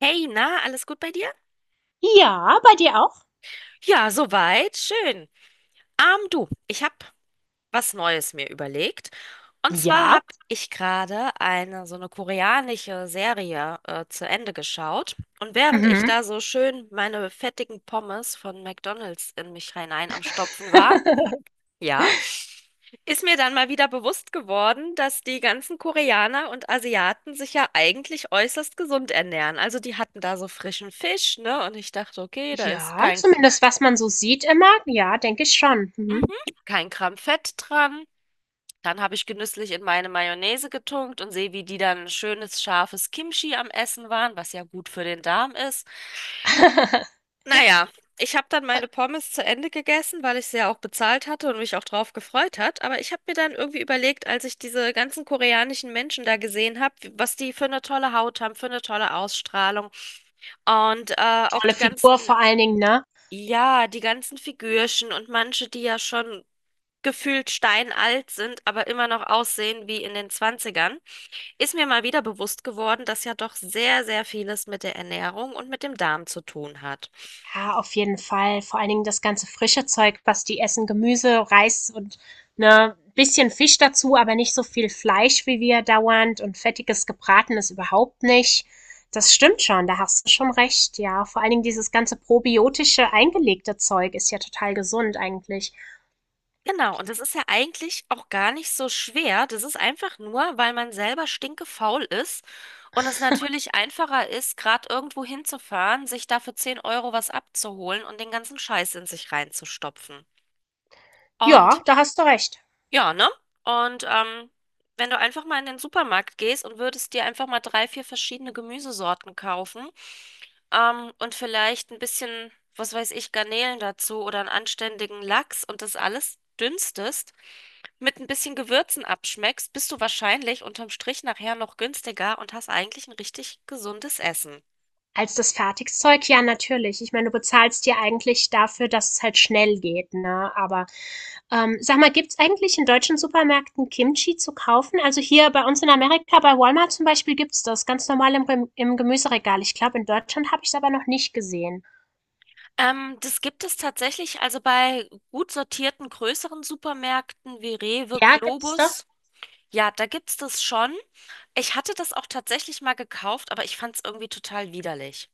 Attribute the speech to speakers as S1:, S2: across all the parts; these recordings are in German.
S1: Hey, na, alles gut bei dir?
S2: Ja, bei dir auch?
S1: Ja, soweit, schön. Du, ich habe was Neues mir überlegt. Und zwar
S2: Ja.
S1: habe ich gerade eine so eine koreanische Serie zu Ende geschaut. Und während ich
S2: Mhm.
S1: da so schön meine fettigen Pommes von McDonald's in mich hinein am Stopfen war, ja, ist mir dann mal wieder bewusst geworden, dass die ganzen Koreaner und Asiaten sich ja eigentlich äußerst gesund ernähren. Also die hatten da so frischen Fisch, ne? Und ich dachte, okay, da ist
S2: Ja,
S1: kein
S2: zumindest was man so sieht immer. Ja, denke ich schon.
S1: Mhm.
S2: Mhm.
S1: Kein Gramm Fett dran. Dann habe ich genüsslich in meine Mayonnaise getunkt und sehe, wie die dann ein schönes, scharfes Kimchi am Essen waren, was ja gut für den Darm ist. Naja, ich habe dann
S2: Und
S1: meine Pommes zu Ende gegessen, weil ich sie ja auch bezahlt hatte und mich auch drauf gefreut hat. Aber ich habe mir dann irgendwie überlegt, als ich diese ganzen koreanischen Menschen da gesehen habe, was die für eine tolle Haut haben, für eine tolle Ausstrahlung und auch
S2: tolle
S1: die
S2: Figur
S1: ganzen.
S2: vor allen Dingen, ne?
S1: Ja, die ganzen Figürchen und manche, die ja schon gefühlt steinalt sind, aber immer noch aussehen wie in den Zwanzigern, ist mir mal wieder bewusst geworden, dass ja doch sehr, sehr vieles mit der Ernährung und mit dem Darm zu tun hat.
S2: Ja, auf jeden Fall. Vor allen Dingen das ganze frische Zeug, was die essen. Gemüse, Reis und ne, bisschen Fisch dazu, aber nicht so viel Fleisch wie wir dauernd und fettiges Gebratenes überhaupt nicht. Das stimmt schon, da hast du schon recht, ja. Vor allen Dingen dieses ganze probiotische eingelegte Zeug ist ja total gesund eigentlich.
S1: Genau, und das ist ja eigentlich auch gar nicht so schwer. Das ist einfach nur, weil man selber stinkefaul ist und es natürlich einfacher ist, gerade irgendwo hinzufahren, sich da für 10 € was abzuholen und den ganzen Scheiß in sich reinzustopfen.
S2: Ja,
S1: Und
S2: da hast du recht.
S1: ja, ne? Und wenn du einfach mal in den Supermarkt gehst und würdest dir einfach mal drei, vier verschiedene Gemüsesorten kaufen und vielleicht ein bisschen, was weiß ich, Garnelen dazu oder einen anständigen Lachs und das alles dünstest, mit ein bisschen Gewürzen abschmeckst, bist du wahrscheinlich unterm Strich nachher noch günstiger und hast eigentlich ein richtig gesundes Essen.
S2: Als das Fertigzeug, ja, natürlich. Ich meine, du bezahlst dir eigentlich dafür, dass es halt schnell geht, ne? Aber sag mal, gibt's eigentlich in deutschen Supermärkten Kimchi zu kaufen? Also hier bei uns in Amerika, bei Walmart zum Beispiel, gibt's das ganz normal im, im Gemüseregal. Ich glaube, in Deutschland habe ich es aber noch nicht gesehen.
S1: Das gibt es tatsächlich also bei gut sortierten größeren Supermärkten wie Rewe,
S2: Ja, gibt's doch.
S1: Globus. Ja, da gibt's das schon. Ich hatte das auch tatsächlich mal gekauft, aber ich fand es irgendwie total widerlich.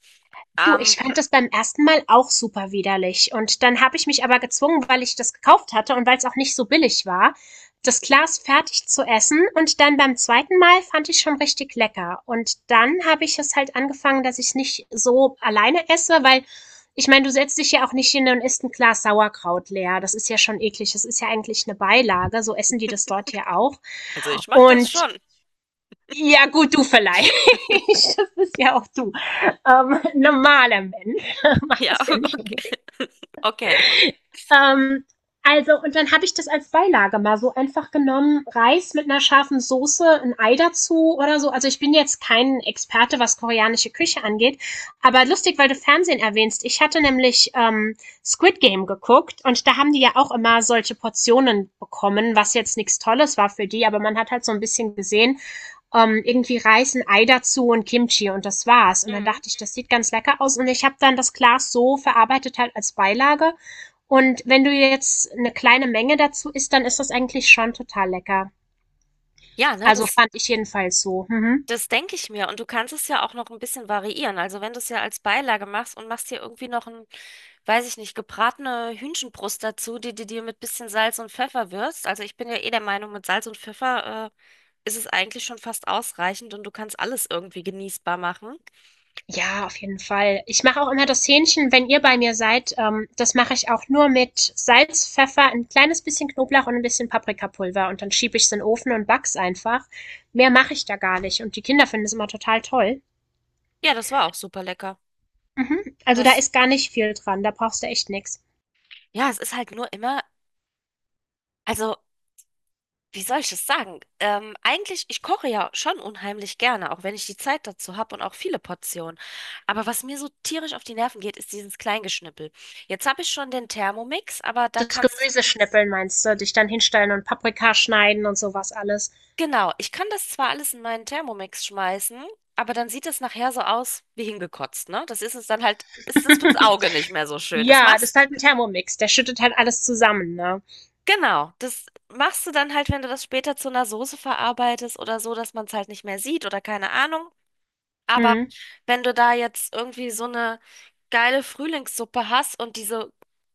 S2: Du,
S1: Ähm,
S2: ich fand das beim ersten Mal auch super widerlich. Und dann habe ich mich aber gezwungen, weil ich das gekauft hatte und weil es auch nicht so billig war, das Glas fertig zu essen. Und dann beim zweiten Mal fand ich schon richtig lecker. Und dann habe ich es halt angefangen, dass ich es nicht so alleine esse, weil ich meine, du setzt dich ja auch nicht hin und isst ein Glas Sauerkraut leer. Das ist ja schon eklig. Das ist ja eigentlich eine Beilage. So essen die das dort ja auch.
S1: also ich mache das
S2: Und
S1: schon.
S2: ja, gut, du vielleicht. Das bist ja auch du. Normaler Mensch macht
S1: Ja,
S2: das ja nicht
S1: okay.
S2: unbedingt.
S1: Okay.
S2: Ähm, also, und dann habe ich das als Beilage mal so einfach genommen. Reis mit einer scharfen Soße, ein Ei dazu oder so. Also, ich bin jetzt kein Experte, was koreanische Küche angeht. Aber lustig, weil du Fernsehen erwähnst. Ich hatte nämlich Squid Game geguckt und da haben die ja auch immer solche Portionen bekommen, was jetzt nichts Tolles war für die. Aber man hat halt so ein bisschen gesehen, irgendwie Reis, ein Ei dazu und Kimchi und das war's. Und dann
S1: Mhm.
S2: dachte ich, das sieht ganz lecker aus. Und ich habe dann das Glas so verarbeitet halt als Beilage. Und wenn du jetzt eine kleine Menge dazu isst, dann ist das eigentlich schon total lecker.
S1: Ja, ne,
S2: Also fand ich jedenfalls so. Mhm.
S1: das denke ich mir. Und du kannst es ja auch noch ein bisschen variieren. Also wenn du es ja als Beilage machst und machst dir irgendwie noch ein, weiß ich nicht, gebratene Hühnchenbrust dazu, die du dir mit bisschen Salz und Pfeffer würzt. Also ich bin ja eh der Meinung, mit Salz und Pfeffer, ist es eigentlich schon fast ausreichend und du kannst alles irgendwie genießbar machen.
S2: Ja, auf jeden Fall. Ich mache auch immer das Hähnchen, wenn ihr bei mir seid. Das mache ich auch nur mit Salz, Pfeffer, ein kleines bisschen Knoblauch und ein bisschen Paprikapulver. Und dann schiebe ich es in den Ofen und back's einfach. Mehr mache ich da gar nicht. Und die Kinder finden es immer total toll.
S1: Ja, das war auch super lecker.
S2: Mhm. Also da
S1: Das,
S2: ist gar nicht viel dran, da brauchst du echt nix.
S1: ja, es ist halt nur immer, also wie soll ich das sagen? Eigentlich, ich koche ja schon unheimlich gerne, auch wenn ich die Zeit dazu habe und auch viele Portionen. Aber was mir so tierisch auf die Nerven geht, ist dieses Kleingeschnippel. Jetzt habe ich schon den Thermomix, aber
S2: Das Gemüse schnippeln meinst du, dich dann hinstellen und Paprika schneiden und sowas alles.
S1: genau, ich kann das zwar alles in meinen Thermomix schmeißen, aber dann sieht das nachher so aus wie hingekotzt, ne? Das ist es dann halt, ist das fürs Auge nicht mehr so schön.
S2: Ja, das ist halt 'n Thermomix, der schüttet halt alles zusammen, ne?
S1: Genau, das machst du dann halt, wenn du das später zu einer Soße verarbeitest oder so, dass man es halt nicht mehr sieht oder keine Ahnung. Aber
S2: Mhm.
S1: wenn du da jetzt irgendwie so eine geile Frühlingssuppe hast und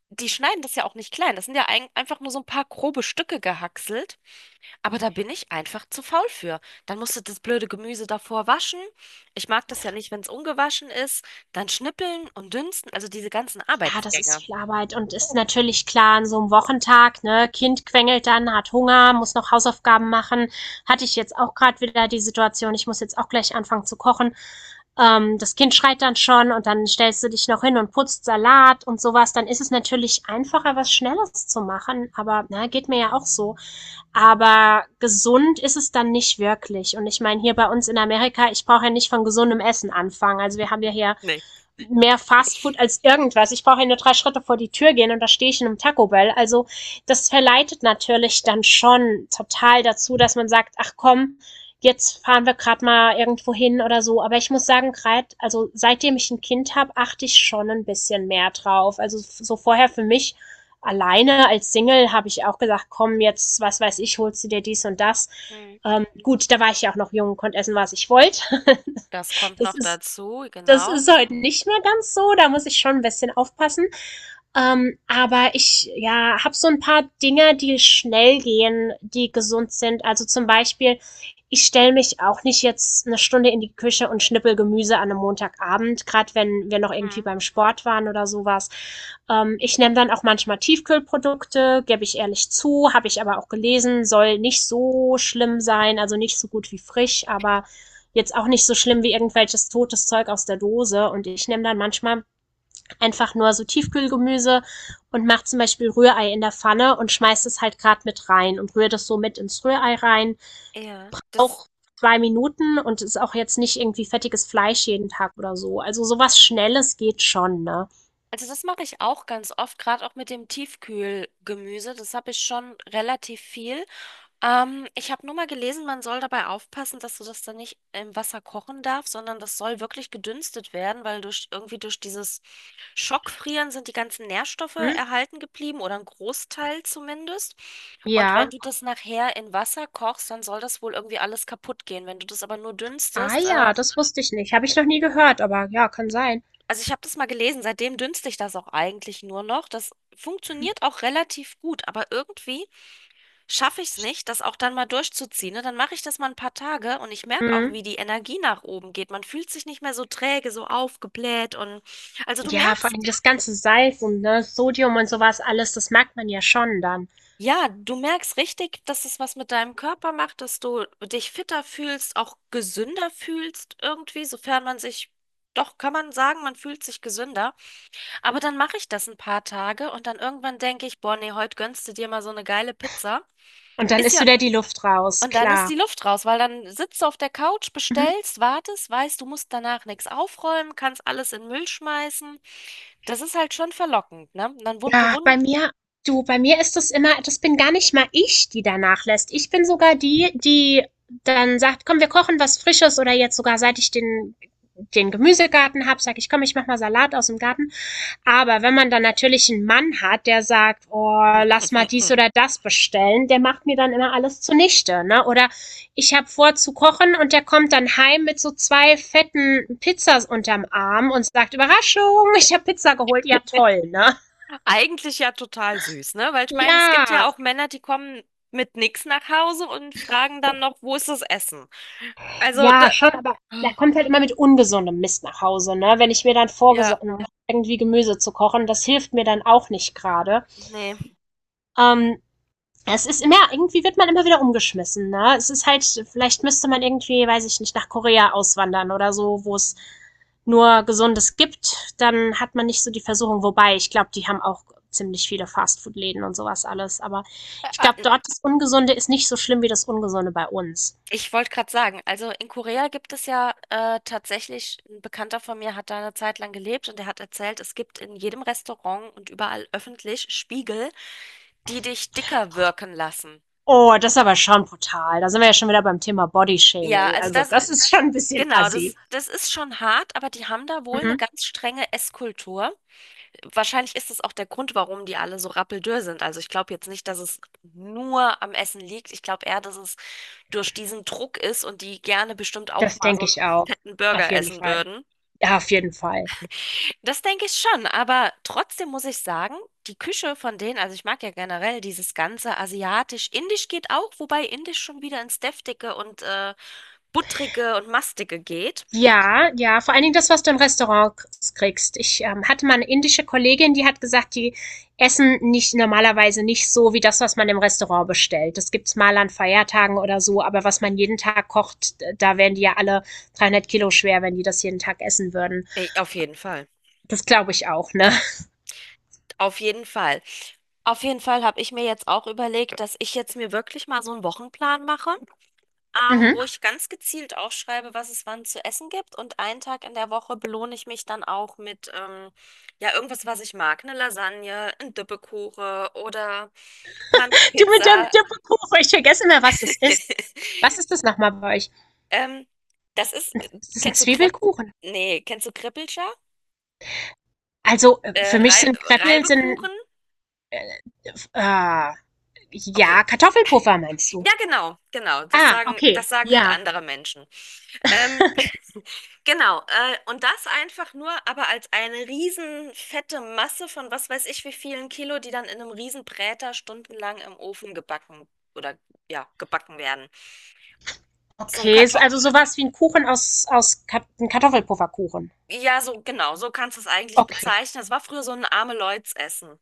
S1: die schneiden das ja auch nicht klein. Das sind ja einfach nur so ein paar grobe Stücke gehackselt. Aber da bin ich einfach zu faul für. Dann musst du das blöde Gemüse davor waschen. Ich mag das ja nicht, wenn es ungewaschen ist. Dann schnippeln und dünsten. Also diese ganzen
S2: Ja, das ist
S1: Arbeitsgänge.
S2: viel Arbeit und ist natürlich klar an so einem Wochentag, ne? Kind quengelt dann, hat Hunger, muss noch Hausaufgaben machen. Hatte ich jetzt auch gerade wieder die Situation, ich muss jetzt auch gleich anfangen zu kochen. Das Kind schreit dann schon und dann stellst du dich noch hin und putzt Salat und sowas. Dann ist es natürlich einfacher, was Schnelles zu machen, aber ne, geht mir ja auch so. Aber gesund ist es dann nicht wirklich. Und ich meine, hier bei uns in Amerika, ich brauche ja nicht von gesundem Essen anfangen. Also, wir haben ja hier
S1: Nee.
S2: mehr Fast Food als irgendwas. Ich brauche ja nur drei Schritte vor die Tür gehen und da stehe ich in einem Taco Bell. Also das verleitet natürlich dann schon total dazu, dass man sagt, ach komm, jetzt fahren wir gerade mal irgendwo hin oder so. Aber ich muss sagen, gerade, also seitdem ich ein Kind habe, achte ich schon ein bisschen mehr drauf. Also so vorher für mich alleine als Single habe ich auch gesagt, komm, jetzt, was weiß ich, holst du dir dies und das.
S1: Hm.
S2: Gut, da war ich ja auch noch jung und konnte essen, was ich wollte.
S1: Das kommt
S2: das
S1: noch
S2: ist
S1: dazu,
S2: das
S1: genau.
S2: ist heute nicht mehr ganz so. Da muss ich schon ein bisschen aufpassen. Aber ich ja, habe so ein paar Dinge, die schnell gehen, die gesund sind. Also zum Beispiel, ich stelle mich auch nicht jetzt eine Stunde in die Küche und schnippel Gemüse an einem Montagabend, gerade wenn wir noch irgendwie
S1: Hm.
S2: beim Sport waren oder sowas. Ich nehme dann auch manchmal Tiefkühlprodukte, gebe ich ehrlich zu, habe ich aber auch gelesen, soll nicht so schlimm sein, also nicht so gut wie frisch, aber jetzt auch nicht so schlimm wie irgendwelches totes Zeug aus der Dose. Und ich nehme dann manchmal einfach nur so Tiefkühlgemüse und mache zum Beispiel Rührei in der Pfanne und schmeiß es halt gerade mit rein und rühre das so mit ins Rührei rein.
S1: Ja, das.
S2: Auch zwei Minuten und ist auch jetzt nicht irgendwie fettiges Fleisch jeden Tag oder so. Also sowas Schnelles geht schon, ne?
S1: Also das mache ich auch ganz oft, gerade auch mit dem Tiefkühlgemüse. Das habe ich schon relativ viel. Ich habe nur mal gelesen, man soll dabei aufpassen, dass du das dann nicht im Wasser kochen darfst, sondern das soll wirklich gedünstet werden, weil durch irgendwie durch dieses Schockfrieren sind die ganzen Nährstoffe
S2: Hm?
S1: erhalten geblieben oder ein Großteil zumindest. Und wenn
S2: Ja.
S1: du das nachher in Wasser kochst, dann soll das wohl irgendwie alles kaputt gehen. Wenn du das aber nur
S2: Ah
S1: dünstest,
S2: ja, das wusste ich nicht. Habe ich noch nie gehört, aber ja, kann sein.
S1: also ich habe das mal gelesen, seitdem dünstle ich das auch eigentlich nur noch. Das funktioniert auch relativ gut, aber irgendwie schaffe ich es nicht, das auch dann mal durchzuziehen. Ne? Dann mache ich das mal ein paar Tage und ich merke auch,
S2: Hm.
S1: wie die Energie nach oben geht. Man fühlt sich nicht mehr so träge, so aufgebläht und also du
S2: Ja, vor allem
S1: merkst,
S2: das ganze Salz und ne, Sodium und sowas alles, das merkt man ja schon dann.
S1: ja, du merkst richtig, dass es was mit deinem Körper macht, dass du dich fitter fühlst, auch gesünder fühlst irgendwie, sofern man sich, doch kann man sagen, man fühlt sich gesünder. Aber dann mache ich das ein paar Tage und dann irgendwann denke ich, boah, nee, heute gönnst du dir mal so eine geile Pizza.
S2: Und dann
S1: Ist
S2: ist
S1: ja,
S2: wieder die Luft raus,
S1: und dann ist
S2: klar.
S1: die Luft raus, weil dann sitzt du auf der Couch,
S2: Mhm.
S1: bestellst, wartest, weißt, du musst danach nichts aufräumen, kannst alles in den Müll schmeißen. Das ist halt schon verlockend, ne? Und dann
S2: Ja,
S1: bewundern.
S2: bei mir, du, bei mir ist das immer, das bin gar nicht mal ich, die danach lässt. Ich bin sogar die, die dann sagt, komm, wir kochen was Frisches oder jetzt sogar, seit ich den, den Gemüsegarten habe, sage ich, komm, ich mach mal Salat aus dem Garten. Aber wenn man dann natürlich einen Mann hat, der sagt, oh, lass mal dies oder das bestellen, der macht mir dann immer alles zunichte. Ne? Oder ich habe vor zu kochen und der kommt dann heim mit so zwei fetten Pizzas unterm Arm und sagt, Überraschung, ich habe Pizza geholt. Ja, toll, ne?
S1: Eigentlich ja total süß, ne? Weil ich meine, es gibt ja
S2: Ja,
S1: auch Männer, die kommen mit nichts nach Hause und fragen dann noch, wo ist das Essen? Also,
S2: ja,
S1: da,
S2: schon, aber der kommt halt immer mit ungesundem Mist nach Hause, ne? Wenn ich mir dann
S1: ja,
S2: vorgesonnen habe, irgendwie Gemüse zu kochen, das hilft mir dann auch nicht gerade.
S1: nee.
S2: Ähm, Es ist immer, irgendwie wird man immer wieder umgeschmissen, ne? Es ist halt, vielleicht müsste man irgendwie, weiß ich nicht, nach Korea auswandern oder so, wo es nur Gesundes gibt, dann hat man nicht so die Versuchung. Wobei, ich glaube, die haben auch ziemlich viele Fastfood-Läden und sowas alles. Aber ich glaube,
S1: Ä-
S2: dort das Ungesunde ist nicht so schlimm wie das Ungesunde bei uns.
S1: Ich wollte gerade sagen, also in Korea gibt es ja tatsächlich, ein Bekannter von mir hat da eine Zeit lang gelebt und der hat erzählt, es gibt in jedem Restaurant und überall öffentlich Spiegel, die dich dicker wirken lassen.
S2: Oh, das ist aber schon brutal. Da sind wir ja schon wieder beim Thema
S1: Ja,
S2: Bodyshaming.
S1: also
S2: Also,
S1: das,
S2: das ist schon ein bisschen
S1: genau,
S2: assi.
S1: das ist schon hart, aber die haben da wohl eine
S2: Mhm.
S1: ganz strenge Esskultur. Wahrscheinlich ist das auch der Grund, warum die alle so rappeldürr sind. Also ich glaube jetzt nicht, dass es nur am Essen liegt. Ich glaube eher, dass es durch diesen Druck ist und die gerne bestimmt auch
S2: Das
S1: mal so
S2: denke
S1: einen
S2: ich auch.
S1: fetten
S2: Auf
S1: Burger
S2: jeden
S1: essen
S2: Fall.
S1: würden.
S2: Ja, auf jeden Fall.
S1: Das denke ich schon, aber trotzdem muss ich sagen, die Küche von denen, also ich mag ja generell dieses ganze asiatisch, indisch geht auch, wobei indisch schon wieder ins deftige und buttrige und mastige geht.
S2: Ja, ja, vor allen Dingen das, was du im Restaurant k kriegst. Ich, hatte mal eine indische Kollegin, die hat gesagt, die essen nicht normalerweise nicht so wie das, was man im Restaurant bestellt. Das gibt's mal an Feiertagen oder so, aber was man jeden Tag kocht, da wären die ja alle 300 Kilo schwer, wenn die das jeden Tag essen würden.
S1: Auf jeden Fall,
S2: Das glaube ich auch, ne?
S1: auf jeden Fall. Auf jeden Fall habe ich mir jetzt auch überlegt, dass ich jetzt mir wirklich mal so einen Wochenplan mache.
S2: Mhm.
S1: Wo ich ganz gezielt aufschreibe, was es wann zu essen gibt. Und einen Tag in der Woche belohne ich mich dann auch mit ja, irgendwas, was ich mag. Eine Lasagne, ein Dippekuchen oder mal eine
S2: Du mit dem
S1: Pizza.
S2: Dippekuchen, ich vergesse immer, was das ist. Was ist das nochmal bei euch?
S1: Ähm, Das ist,
S2: Ist das ein
S1: kennst du Krepp?
S2: Zwiebelkuchen?
S1: Nee, kennst du Krippelscher?
S2: Also,
S1: Äh,
S2: für mich
S1: Rei
S2: sind Kreppel
S1: Reibekuchen?
S2: äh, ah,
S1: Okay.
S2: ja, Kartoffelpuffer meinst du?
S1: Ja, genau, genau.
S2: Ah, okay,
S1: Das sagen halt
S2: ja.
S1: andere Menschen. Ähm, genau. Und das einfach nur, aber als eine riesen fette Masse von was weiß ich wie vielen Kilo, die dann in einem riesen Bräter stundenlang im Ofen gebacken oder ja, gebacken werden. So ein
S2: Okay, ist also
S1: Kartoffel.
S2: so was wie ein Kuchen aus Kat 'n Kartoffelpufferkuchen.
S1: Ja, so genau, so kannst du es eigentlich
S2: Okay.
S1: bezeichnen. Es war früher so ein arme Leuts-Essen.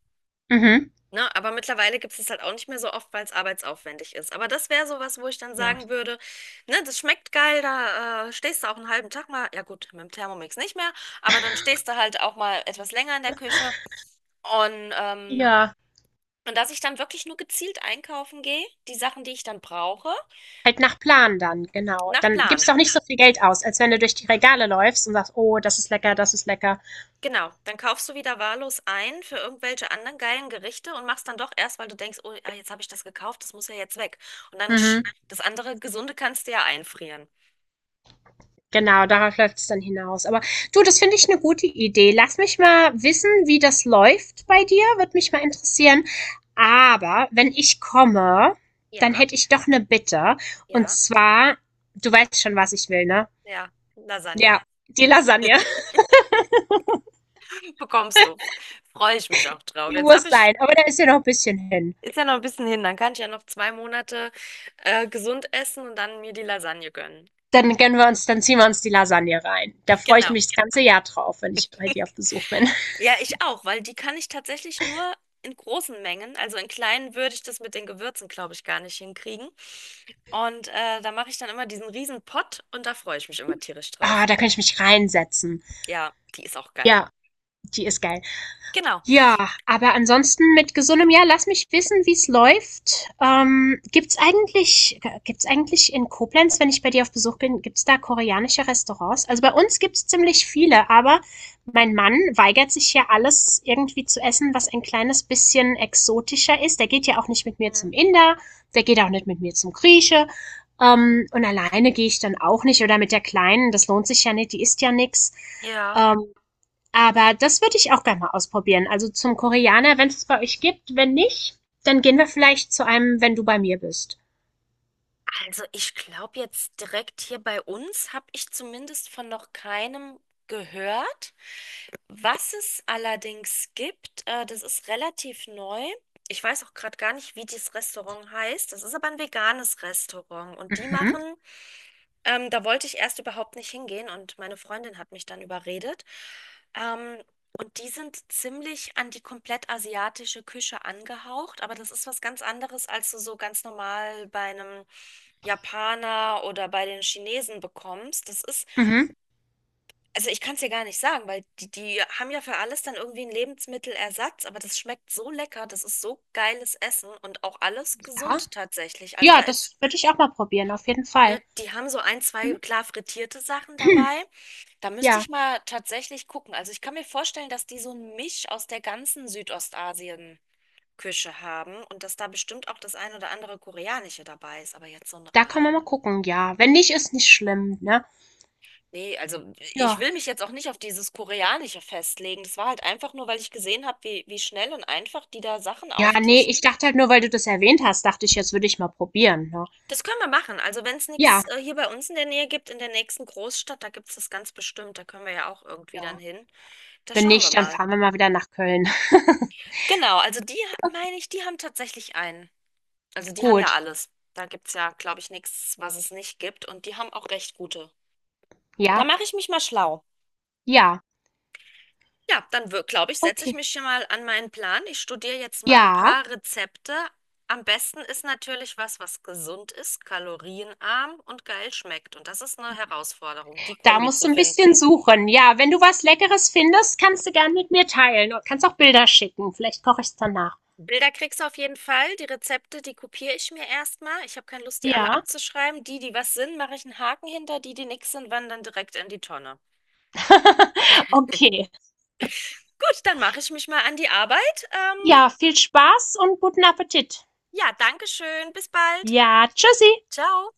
S2: Mhm.
S1: Ne? Aber mittlerweile gibt es es halt auch nicht mehr so oft, weil es arbeitsaufwendig ist. Aber das wäre sowas, wo ich dann
S2: Ja.
S1: sagen würde, ne, das schmeckt geil, da stehst du auch einen halben Tag mal, ja gut, mit dem Thermomix nicht mehr, aber dann stehst du halt auch mal etwas länger in der Küche. Und,
S2: Ja,
S1: dass ich dann wirklich nur gezielt einkaufen gehe, die Sachen, die ich dann brauche,
S2: halt nach Plan dann, genau.
S1: nach
S2: Dann gibst
S1: Plan.
S2: du auch nicht so viel Geld aus, als wenn du durch die Regale läufst und sagst: „Oh, das ist lecker, das ist lecker.“
S1: Genau, dann kaufst du wieder wahllos ein für irgendwelche anderen geilen Gerichte und machst dann doch erst, weil du denkst, oh, ah, jetzt habe ich das gekauft, das muss ja jetzt weg. Und dann
S2: Mhm.
S1: das andere Gesunde kannst du ja einfrieren.
S2: Genau, darauf läuft es dann hinaus. Aber du, das finde ich eine gute Idee. Lass mich mal wissen, wie das läuft bei dir. Würde mich mal interessieren. Aber wenn ich komme, dann
S1: Ja,
S2: hätte ich doch eine Bitte. Und
S1: ja,
S2: zwar, du weißt schon, was ich will, ne?
S1: ja. Lasagne
S2: Ja, die Lasagne.
S1: bekommst du. Freue ich mich auch drauf.
S2: Die muss sein. Aber da ist ja noch ein bisschen hin.
S1: Ist ja noch ein bisschen hin, dann kann ich ja noch 2 Monate gesund essen und dann mir die Lasagne gönnen.
S2: Dann gönnen wir uns, dann ziehen wir uns die Lasagne rein. Da freue ich
S1: Genau.
S2: mich das ganze Jahr drauf, wenn ich bei dir auf Besuch bin.
S1: Ja, ich auch, weil die kann ich tatsächlich nur in großen Mengen. Also in kleinen würde ich das mit den Gewürzen, glaube ich, gar nicht hinkriegen. Und da mache ich dann immer diesen riesen Pott und da freue ich mich immer tierisch drauf.
S2: Ah, da kann ich mich reinsetzen.
S1: Ja, die ist auch geil.
S2: Ja, die ist geil.
S1: Genau.
S2: Ja, aber ansonsten mit gesundem Jahr. Lass mich wissen, wie's läuft. Gibt's eigentlich, gibt's eigentlich in Koblenz, wenn ich bei dir auf Besuch bin, gibt's da koreanische Restaurants? Also bei uns gibt's ziemlich viele, aber mein Mann weigert sich ja alles irgendwie zu essen, was ein kleines bisschen exotischer ist. Der geht ja auch nicht mit mir zum
S1: Mhm.
S2: Inder, der geht auch nicht mit mir zum Grieche. Und alleine gehe ich dann auch nicht oder mit der Kleinen, das lohnt sich ja nicht, die isst ja nix.
S1: Ja.
S2: Ähm, aber das würde ich auch gerne mal ausprobieren. Also zum Koreaner, wenn es bei euch gibt. Wenn nicht, dann gehen wir vielleicht zu einem, wenn du bei mir bist.
S1: Also ich glaube jetzt direkt hier bei uns habe ich zumindest von noch keinem gehört. Was es allerdings gibt, das ist relativ neu. Ich weiß auch gerade gar nicht, wie dieses Restaurant heißt. Das ist aber ein veganes Restaurant und die
S2: Mhm.
S1: machen da wollte ich erst überhaupt nicht hingehen und meine Freundin hat mich dann überredet. Ähm, und die sind ziemlich an die komplett asiatische Küche angehaucht, aber das ist was ganz anderes, als du so ganz normal bei einem Japaner oder bei den Chinesen bekommst. Das ist,
S2: Mhm.
S1: also ich kann es dir gar nicht sagen, weil die haben ja für alles dann irgendwie einen Lebensmittelersatz, aber das schmeckt so lecker, das ist so geiles Essen und auch alles
S2: Ja.
S1: gesund tatsächlich. Also
S2: Ja,
S1: da ist,
S2: das würde ich auch mal probieren, auf jeden Fall.
S1: ne, die haben so ein, zwei
S2: Mhm.
S1: klar frittierte Sachen dabei. Da müsste
S2: Ja,
S1: ich mal tatsächlich gucken. Also ich kann mir vorstellen, dass die so ein Misch aus der ganzen Südostasien-Küche haben und dass da bestimmt auch das ein oder andere Koreanische dabei ist. Aber jetzt so ein
S2: da kann man mal
S1: rein.
S2: gucken, ja. Wenn nicht, ist nicht schlimm, ne?
S1: Nee, also ich
S2: Ja.
S1: will mich jetzt auch nicht auf dieses Koreanische festlegen. Das war halt einfach nur, weil ich gesehen habe, wie schnell und einfach die da Sachen
S2: Ja, nee,
S1: auftischen.
S2: ich dachte halt nur, weil du das erwähnt hast, dachte ich, jetzt würde ich mal probieren, ne?
S1: Das können wir machen. Also wenn es nichts
S2: Ja,
S1: hier bei uns in der Nähe gibt, in der nächsten Großstadt, da gibt es das ganz bestimmt. Da können wir ja auch irgendwie dann
S2: ja.
S1: hin. Da
S2: Wenn
S1: schauen wir
S2: nicht, dann
S1: mal.
S2: fahren wir mal wieder nach Köln.
S1: Genau, also die, meine ich, die haben tatsächlich einen. Also die haben ja
S2: Gut.
S1: alles. Da gibt's ja, glaube ich, nichts, was es nicht gibt. Und die haben auch recht gute. Da
S2: Ja.
S1: mache ich mich mal schlau.
S2: Ja.
S1: Ja, dann glaube ich, setze ich
S2: Okay.
S1: mich hier mal an meinen Plan. Ich studiere jetzt mal ein
S2: Ja.
S1: paar Rezepte. Am besten ist natürlich was, was gesund ist, kalorienarm und geil schmeckt. Und das ist eine Herausforderung, die
S2: Da
S1: Kombi
S2: musst du
S1: zu
S2: ein bisschen
S1: finden.
S2: suchen. Ja, wenn du was Leckeres findest, kannst du gern mit mir teilen und kannst auch Bilder schicken. Vielleicht koche ich's dann nach.
S1: Bilder kriegst du auf jeden Fall. Die Rezepte, die kopiere ich mir erstmal. Ich habe keine Lust, die alle
S2: Ja?
S1: abzuschreiben. Die, die was sind, mache ich einen Haken hinter. Die, die nix sind, wandern direkt in die Tonne.
S2: Okay.
S1: Gut, dann mache ich mich mal an die Arbeit.
S2: Ja, viel Spaß und guten Appetit.
S1: Ja, danke schön. Bis bald.
S2: Ja, tschüssi.
S1: Ciao.